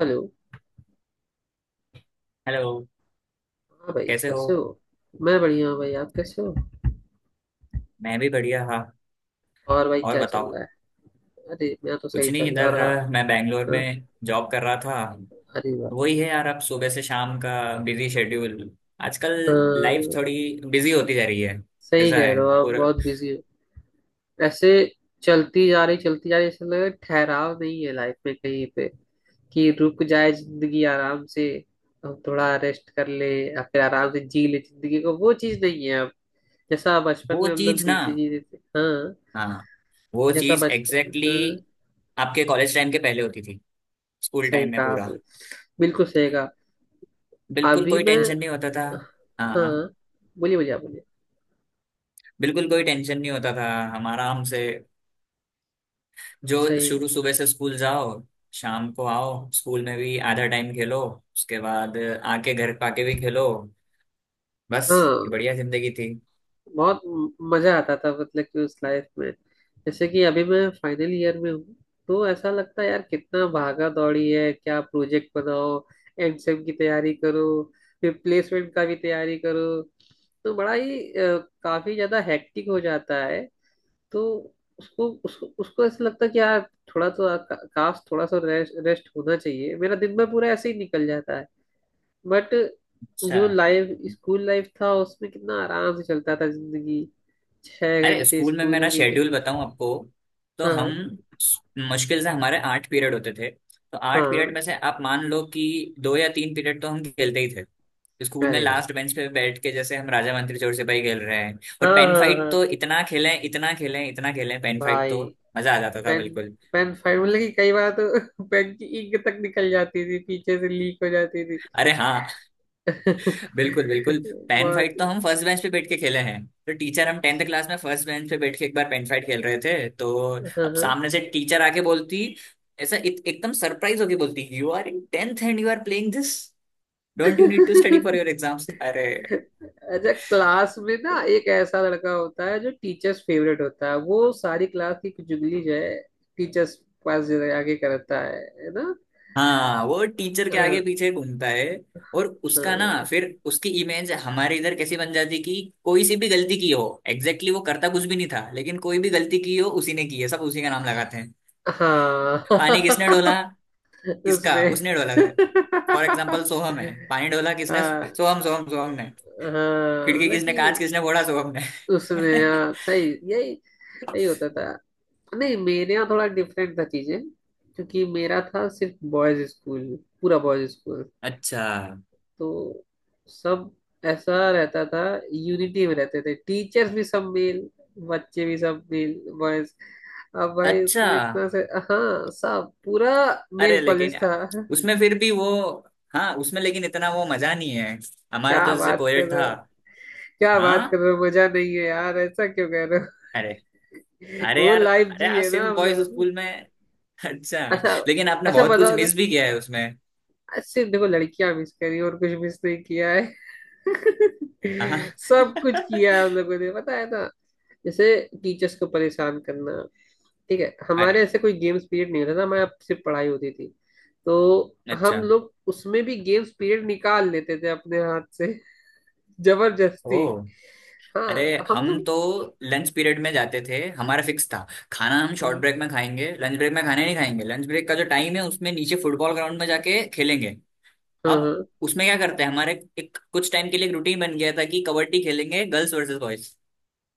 Hello. Hello. हाँ भाई, कैसे हो? कैसे हो? मैं बढ़िया हूँ भाई, आप कैसे हो? मैं भी बढ़िया। हाँ और भाई और क्या चल बताओ। रहा है? अरे मैं तो कुछ सही नहीं चल रहा है इधर और मैं बैंगलोर हाँ, में जॉब कर रहा था। अरे वाह। वही है यार, अब सुबह से शाम का बिजी शेड्यूल आजकल। लाइफ हाँ थोड़ी बिजी होती जा रही है। सही ऐसा कह है। रहे हो, आप और बहुत बिजी हो। ऐसे चलती जा रही चलती जा रही, ऐसा लग रहा है ठहराव नहीं है लाइफ में कहीं पे कि रुक जाए जिंदगी आराम से, हम थोड़ा रेस्ट कर ले या फिर आराम से जी ले जिंदगी को, वो चीज नहीं है अब जैसा बचपन वो में हम लोग चीज ना, जीते जीते थे। हाँ, हाँ हाँ, वो जैसा चीज बचपन। एग्जैक्टली हाँ exactly आपके कॉलेज टाइम के पहले होती थी, स्कूल सही टाइम में कहा पूरा। आपने, बिल्कुल सही कहा। बिल्कुल अभी कोई मैं, टेंशन नहीं होता था। हाँ हाँ। हाँ बोलिए बोलिए, आप बोलिए। बिल्कुल कोई टेंशन नहीं होता था। हम आराम से, जो सही है। शुरू सुबह से स्कूल जाओ, शाम को आओ, स्कूल में भी आधा टाइम खेलो, उसके बाद आके घर पाके भी खेलो। बस, ये हाँ, बढ़िया जिंदगी थी। बहुत मजा आता था, मतलब कि उस लाइफ में। जैसे कि अभी मैं फाइनल ईयर में हूँ, तो ऐसा लगता है यार कितना भागा दौड़ी है, क्या प्रोजेक्ट बनाओ, एग्जाम की तैयारी करो, फिर प्लेसमेंट का भी तैयारी करो, तो बड़ा ही काफी ज्यादा हेक्टिक हो जाता है। तो उसको उसको उसको ऐसा लगता है कि यार थोड़ा तो काश थोड़ा सा रेस्ट रेस्ट होना चाहिए, मेरा दिन भर पूरा ऐसे ही निकल जाता है। बट अच्छा। जो लाइफ स्कूल लाइफ था उसमें कितना आराम से चलता था जिंदगी। छह अरे घंटे स्कूल में स्कूल मेरा में बीते। शेड्यूल बताऊं आपको? तो हम हाँ। मुश्किल से हमारे 8 पीरियड होते थे, तो 8 पीरियड हाँ में से आप मान लो कि दो या तीन पीरियड तो हम खेलते ही थे। स्कूल में अरे भाई, लास्ट बेंच पे बैठ के जैसे हम राजा मंत्री चोर सिपाही खेल रहे हैं। और हाँ पेन हाँ फाइट हाँ तो इतना खेलें इतना खेलें इतना खेलें, पेन फाइट तो भाई। मजा आ जाता था पेन, बिल्कुल। पेन फाइव, मतलब कि कई बार तो पेन की इंक तक निकल जाती थी, पीछे से लीक हो जाती थी। अरे हाँ, बिल्कुल बिल्कुल। पेन बहुत। फाइट तो हम फर्स्ट बेंच पे बैठ के खेले हैं, तो टीचर, हम 10th क्लास में फर्स्ट बेंच पे बैठ के एक बार पेन फाइट खेल रहे थे, तो हाँ अब हाँ। सामने से टीचर आके बोलती, ऐसा एकदम सरप्राइज होके बोलती, you are in 10th and you are playing this, don't you need to अच्छा, स्टडी फॉर योर एग्जाम्स। अरे क्लास में ना तो- एक ऐसा लड़का होता है जो टीचर्स फेवरेट होता है, वो सारी क्लास की चुगली जो है टीचर्स पास आगे करता है ना? हाँ, वो टीचर के आगे हाँ। पीछे घूमता है। और उसका ना, फिर उसकी इमेज हमारे इधर कैसी बन जाती कि कोई सी भी गलती की हो, एग्जैक्टली exactly वो करता कुछ भी नहीं था, लेकिन कोई भी गलती की हो उसी ने की है, सब उसी का नाम लगाते हैं। पानी किसने डोला, हाँ। इसका उसने। उसने डोला गया। फॉर एग्जाम्पल सोहम है, पानी डोला किसने? हाँ सोहम सोहम सोहम ने। हाँ, खिड़की मतलब किसने, कि कांच किसने फोड़ा? सोहम ने। उसने, हाँ सही, यही यही होता था। नहीं मेरे यहाँ थोड़ा डिफरेंट था चीजें, क्योंकि मेरा था सिर्फ बॉयज स्कूल, पूरा बॉयज स्कूल। अच्छा। तो सब ऐसा रहता था, यूनिटी में रहते थे। टीचर्स भी सब मेल, बच्चे भी सब मेल, बॉयज। अब भाई अच्छा। उसमें इतना से, हाँ सब पूरा मेल अरे लेकिन कॉलेज यार, था। उसमें फिर भी वो, हाँ उसमें लेकिन इतना वो मजा नहीं है। हमारा क्या तो जैसे बात कर कोएड रहे था। हो? क्या बात कर हाँ। रहे हो मजा नहीं है यार, ऐसा क्यों कह रहे हो? अरे वो लाइफ अरे जी यार है ना सिर्फ हम बॉयज लोगों ने। स्कूल में। अच्छा, अच्छा। लेकिन आपने अच्छा बहुत कुछ बताओ ना। मिस भी किया है उसमें। आज सिर्फ देखो लड़कियां मिस करी और कुछ मिस नहीं किया हाँ। है। सब कुछ किया हम लोगों ने, पता है ना। जैसे टीचर्स को परेशान करना, ठीक है अरे हमारे ऐसे कोई गेम्स पीरियड नहीं होता था, हमारे यहाँ सिर्फ पढ़ाई होती थी। तो अच्छा। हम लोग उसमें भी गेम्स पीरियड निकाल लेते थे अपने हाथ से। ओ जबरदस्ती। हाँ अरे। हम हम लोग, तो लंच पीरियड में जाते थे, हमारा फिक्स था, खाना हम शॉर्ट हाँ ब्रेक में खाएंगे, लंच ब्रेक में खाना नहीं खाएंगे। लंच ब्रेक का जो टाइम है, उसमें नीचे फुटबॉल ग्राउंड में जाके खेलेंगे। हाँ अब हाँ, उसमें क्या करते हैं हमारे, एक कुछ टाइम के लिए एक रूटीन बन गया था कि कबड्डी खेलेंगे गर्ल्स वर्सेस बॉयज।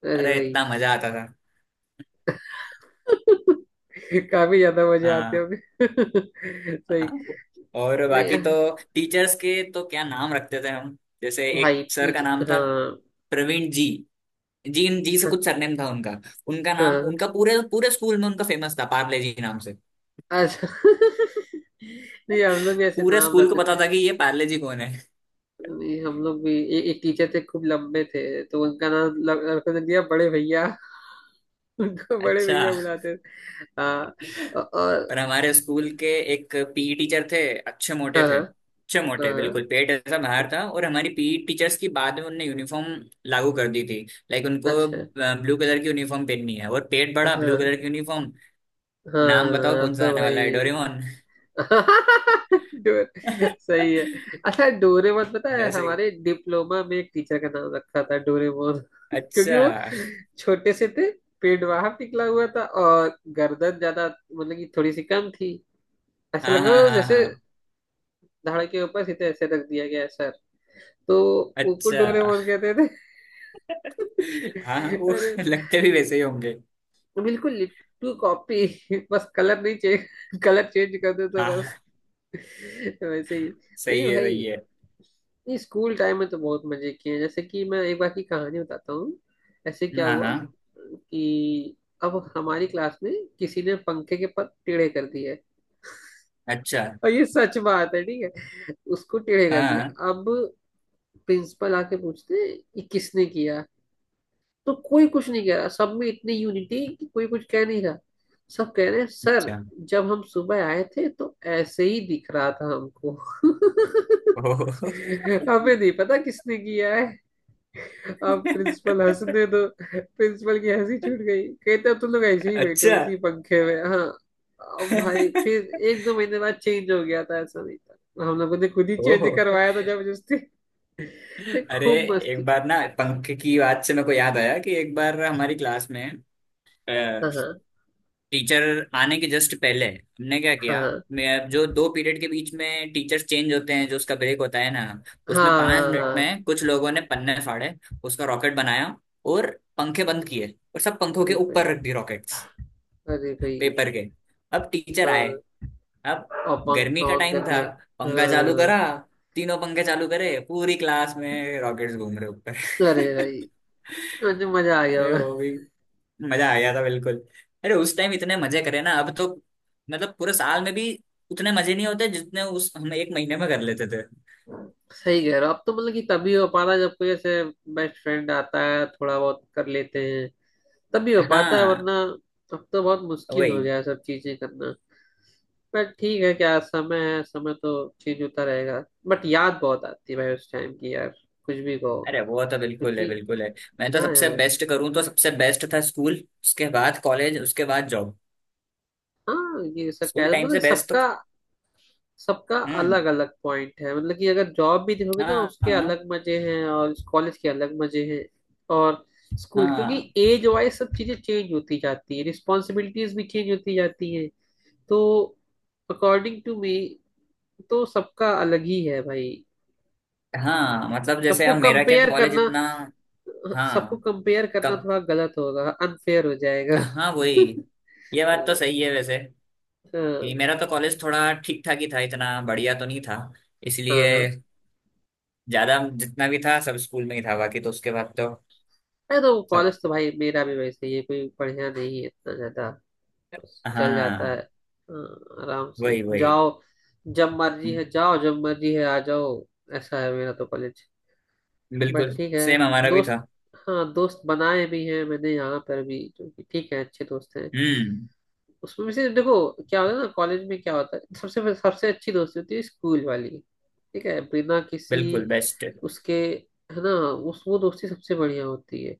अरे अरे भाई। इतना मजा आता था। काफी ज्यादा मजे आते हाँ होंगे। सही। हाँ। और बाकी तो नहीं टीचर्स के तो क्या नाम रखते थे हम। जैसे एक भाई सर का टीचर, नाम था हाँ प्रवीण जी, जी जी से हाँ कुछ सरनेम था उनका। उनका नाम, हाँ। उनका पूरे पूरे स्कूल में उनका फेमस था पार्ले जी नाम से। अच्छा। नहीं हम लोग भी ऐसे पूरे नाम स्कूल को रखते पता थे। था कि ये पार्ले जी कौन है। नहीं हम लोग भी, एक टीचर थे खूब लंबे थे तो उनका नाम रखने दिया बड़े भैया। उनको बड़े अच्छा। भैया बुलाते थे। हाँ। और, और हमारे स्कूल के एक पीई टीचर थे, अच्छे मोटे हाँ हाँ थे, अच्छे मोटे, हाँ, बिल्कुल पेट ऐसा बाहर था। और हमारी पीई टीचर्स की बाद में उनने यूनिफॉर्म लागू कर दी थी। लाइक उनको अच्छा। ब्लू कलर की यूनिफॉर्म पहननी है, और पेट बड़ा, ब्लू हाँ कलर की यूनिफॉर्म। नाम बताओ हाँ कौन सा तो आने वाला है? भाई। डोरेमोन। डोर, सही है। अच्छा डोरेमोन, पता है है सही। हमारे डिप्लोमा में एक टीचर का नाम रखा था डोरेमोन। क्योंकि वो अच्छा, छोटे से थे, पेट बाहर निकला हुआ था और गर्दन ज्यादा मतलब कि थोड़ी सी कम थी। ऐसे हाँ हाँ लगता था हाँ जैसे हाँ। धड़ के ऊपर सीधे ऐसे रख दिया गया है सर, तो उनको अच्छा। डोरेमोन कहते थे। हाँ हाँ, वो अरे लगते भी वैसे ही होंगे। बिल्कुल लिट्टू कॉपी, बस कलर नहीं, चेंज कलर चेंज कर दो तो हाँ बस। वैसे ही सही नहीं है भाई। सही है। नहीं स्कूल टाइम में तो बहुत मजे किए हैं, जैसे कि मैं एक बार की कहानी बताता हूँ। ऐसे क्या हाँ हुआ हाँ। कि अब हमारी क्लास में किसी ने पंखे के पर टेढ़े कर दिए, अच्छा, और ये सच बात है ठीक है, उसको टेढ़े कर हाँ। दिया। अब प्रिंसिपल आके पूछते हैं, ये किसने किया? तो कोई कुछ नहीं कह रहा, सब में इतनी यूनिटी कि कोई कुछ कह नहीं रहा। सब कह रहे हैं सर अच्छा। जब हम सुबह आए थे तो ऐसे ही दिख रहा था हमको। ओह हमें नहीं पता किसने किया है। आप प्रिंसिपल हंसने दो, प्रिंसिपल की हंसी छूट गई, कहते अब तुम लोग ऐसे ही बैठो अच्छा। इसी पंखे में। हाँ अब भाई फिर एक दो महीने बाद चेंज हो गया था, ऐसा नहीं था, हम लोगों ने खुद ही चेंज ओह करवाया था जबरदस्ती। अरे, खूब मस्ती एक की। बार ना पंख की बात से मेरे को याद आया कि एक बार हमारी क्लास में हाँ टीचर आने के जस्ट पहले हमने क्या किया। हाँ मैं, जो दो पीरियड के बीच में टीचर्स चेंज होते हैं, जो उसका ब्रेक होता है ना, उसमें हाँ, पांच हाँ मिनट हाँ में कुछ लोगों ने पन्ने फाड़े, उसका रॉकेट बनाया, और पंखे बंद किए, और सब पंखों के अरे भाई, ऊपर रख दी रॉकेट्स। अरे भाई। पेपर के। अब टीचर आए। हाँ अब और गर्मी पंखा का ऑन टाइम कर था, दिया। पंखा चालू हाँ करा, तीनों पंखे चालू करे, पूरी क्लास में रॉकेट्स घूम रहे ऊपर। अरे भाई मुझे मजा आ गया अरे होगा। वो भी मजा आ गया था बिल्कुल। अरे उस टाइम इतने मजे करे ना, अब तो मतलब पूरे साल में भी उतने मजे नहीं होते जितने उस, हम एक महीने में कर लेते थे। सही कह रहे हो, अब तो मतलब कि तभी हो पा रहा है जब कोई ऐसे बेस्ट फ्रेंड आता है थोड़ा बहुत कर लेते हैं, तब भी हो पाता है, हाँ वरना अब तो बहुत मुश्किल हो वही। गया है सब चीजें करना। बट ठीक है, क्या समय है, समय तो चेंज होता रहेगा। बट याद बहुत आती है भाई उस टाइम की यार, कुछ भी कहो। अरे वो तो बिल्कुल है क्योंकि बिल्कुल है। मैं तो हाँ सबसे यार, बेस्ट करूँ तो सबसे बेस्ट था स्कूल, उसके बाद कॉलेज, उसके बाद जॉब। हाँ ये सब कह स्कूल टाइम मतलब से बेस्ट तो। सबका, सबका अलग हम्म, अलग पॉइंट है, मतलब कि अगर जॉब भी देखोगे ना हाँ उसके हाँ अलग मजे हैं और कॉलेज के अलग मजे हैं। और स्कूल क्योंकि हाँ एज वाइज सब चीजें चेंज होती जाती है, रिस्पॉन्सिबिलिटीज भी चेंज होती जाती है। तो अकॉर्डिंग टू मी तो सबका अलग ही है भाई। हाँ। मतलब जैसे सबको अब मेरा क्या कंपेयर कॉलेज करना, इतना। सबको हाँ। कंपेयर करना कम। थोड़ा गलत होगा, अनफेयर हो जाएगा। हाँ वही। ये बात तो सही है वैसे कि हाँ मेरा तो कॉलेज थोड़ा ठीक ठाक ही था, इतना बढ़िया तो नहीं था। हाँ इसलिए हाँ। ज्यादा जितना भी था सब स्कूल में ही था, बाकी तो उसके बाद तो। अरे तो सब। कॉलेज तो भाई मेरा भी वैसे ही है, कोई बढ़िया नहीं है इतना ज्यादा, बस चल जाता है। हाँ हाँ, आराम से वही वही, जाओ, जब मर्जी है जाओ, जब मर्जी है आ जाओ। ऐसा है मेरा तो कॉलेज। बट बिल्कुल। ठीक है, सेम हमारा भी दोस्त, था। हाँ दोस्त बनाए भी हैं मैंने यहाँ पर भी जो कि ठीक है, अच्छे दोस्त हैं। हम्म, उसमें भी से देखो, क्या होता है ना, कॉलेज में क्या होता है, सबसे सबसे अच्छी दोस्ती होती है स्कूल वाली, ठीक है बिना किसी बिल्कुल बेस्ट। उसके, है ना? उस वो दोस्ती सबसे बढ़िया होती है।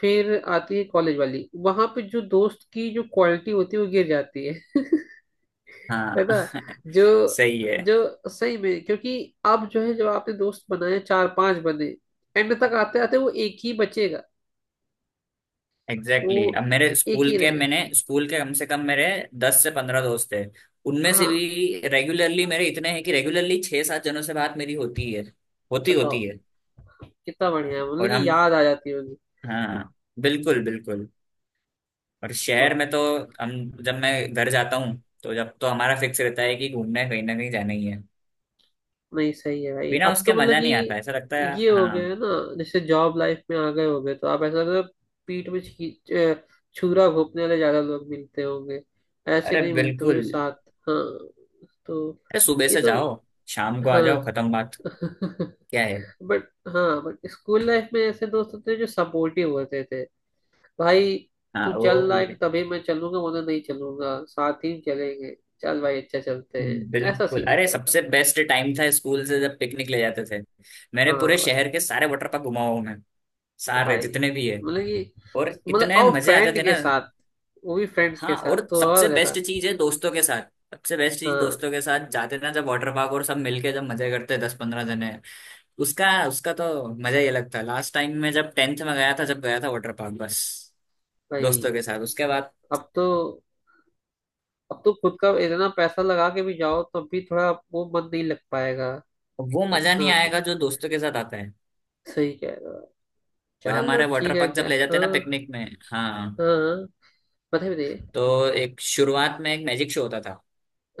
फिर आती है कॉलेज वाली, वहां पे जो दोस्त की जो क्वालिटी होती है वो गिर जाती है। है हाँ ना? जो, सही है। जो सही में, क्योंकि अब जो है जब आपने दोस्त बनाए चार पांच बने, एंड तक आते आते वो एक ही बचेगा, वो एग्जैक्टली exactly। अब मेरे एक स्कूल ही रह के, जाए। मैंने स्कूल के कम से कम मेरे 10 से 15 दोस्त हैं। उनमें से हाँ भी रेगुलरली मेरे इतने हैं कि रेगुलरली छह सात जनों से बात मेरी होती है। होती होती बताओ, है। कितना बढ़िया है, मतलब और कि हम, याद आ जाती होगी। हाँ, बिल्कुल बिल्कुल। और शहर में तो हम, जब मैं घर जाता हूँ तो जब तो हमारा फिक्स रहता है कि घूमना है कहीं ना कहीं जाना ही है। नहीं सही है भाई, बिना अब उसके तो मतलब मजा नहीं आता कि ऐसा लगता है। ये हो गया है हाँ। ना। जैसे जॉब लाइफ में आ गए होगे तो आप ऐसा ना, पीठ में छुरा घोंपने वाले ज्यादा लोग मिलते होंगे। ऐसे अरे नहीं मिलते बिल्कुल। मेरे साथ। हाँ, तो अरे सुबह ये से तो, जाओ, शाम को आ जाओ, हाँ। खत्म बात। क्या है। बट, हाँ बट स्कूल लाइफ में ऐसे दोस्त होते थे जो सपोर्टिव होते थे भाई। हाँ तू वो चल भी, रहा है कि तभी मैं चलूंगा, वरना नहीं चलूंगा, साथ ही चलेंगे, चल भाई अच्छा चलते हैं, ऐसा बिल्कुल। सीन अरे होता था। सबसे बेस्ट टाइम था स्कूल से जब पिकनिक ले जाते थे। मेरे हाँ पूरे भाई। शहर के सारे वाटर पार्क घुमा हूं मैं, सारे भाई जितने भी है। मतलब कि, और मतलब इतने और मजे आते फ्रेंड थे के ना। साथ, वो भी फ्रेंड्स के हाँ, साथ और तो और सबसे ज्यादा। बेस्ट चीज है दोस्तों के साथ। सबसे बेस्ट चीज हाँ दोस्तों के साथ जाते थे ना जब वाटर पार्क, और सब मिलके जब मजे करते 10-15 जने। उसका उसका तो मजा ही अलग था। लास्ट टाइम में जब 10th में गया था, जब गया था वाटर पार्क बस भाई, दोस्तों के साथ, उसके बाद अब तो, अब तो खुद का इतना पैसा लगा के भी जाओ तब भी थोड़ा वो मन नहीं लग पाएगा वो मजा नहीं इतना। आएगा जो दोस्तों के साथ आता है। सही कह रहे हो, और चलो हमारे वाटर ठीक है, पार्क जब क्या ले जाते हैं हाँ। ना पिकनिक में, हाँ, हाँ बताइए बताइए। तो एक शुरुआत में एक मैजिक शो होता था।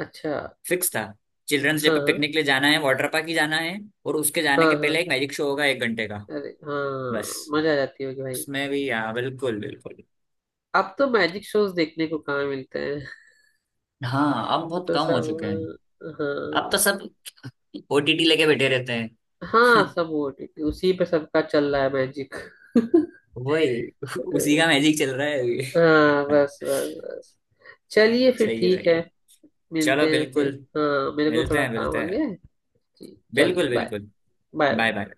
अच्छा, फिक्स था, चिल्ड्रंस डे हाँ पे हाँ। पिकनिक ले जाना है वाटर पार्क ही जाना है, और उसके जाने हाँ। के पहले हाँ। एक मैजिक शो होगा एक घंटे का। अरे बस। हाँ मजा आ जाती होगी भाई। उसमें भी, हाँ बिल्कुल बिल्कुल। अब तो मैजिक शोज देखने को कहाँ मिलते हैं। हाँ अब बहुत तो कम हो चुके हैं। सब, हाँ अब तो हाँ। सब ओटीटी लेके बैठे रहते हैं। हाँ सब ओटीटी, उसी पे सबका चल रहा है मैजिक। वही, उसी का मैजिक चल रहा है अभी। हाँ बस बस बस, चलिए फिर सही है ठीक सही है, है। चलो मिलते हैं फिर। बिल्कुल। हाँ मेरे को मिलते थोड़ा हैं काम मिलते आ हैं। गया है। जी, चलिए बिल्कुल बाय। बिल्कुल। Bye bye bye. बाय।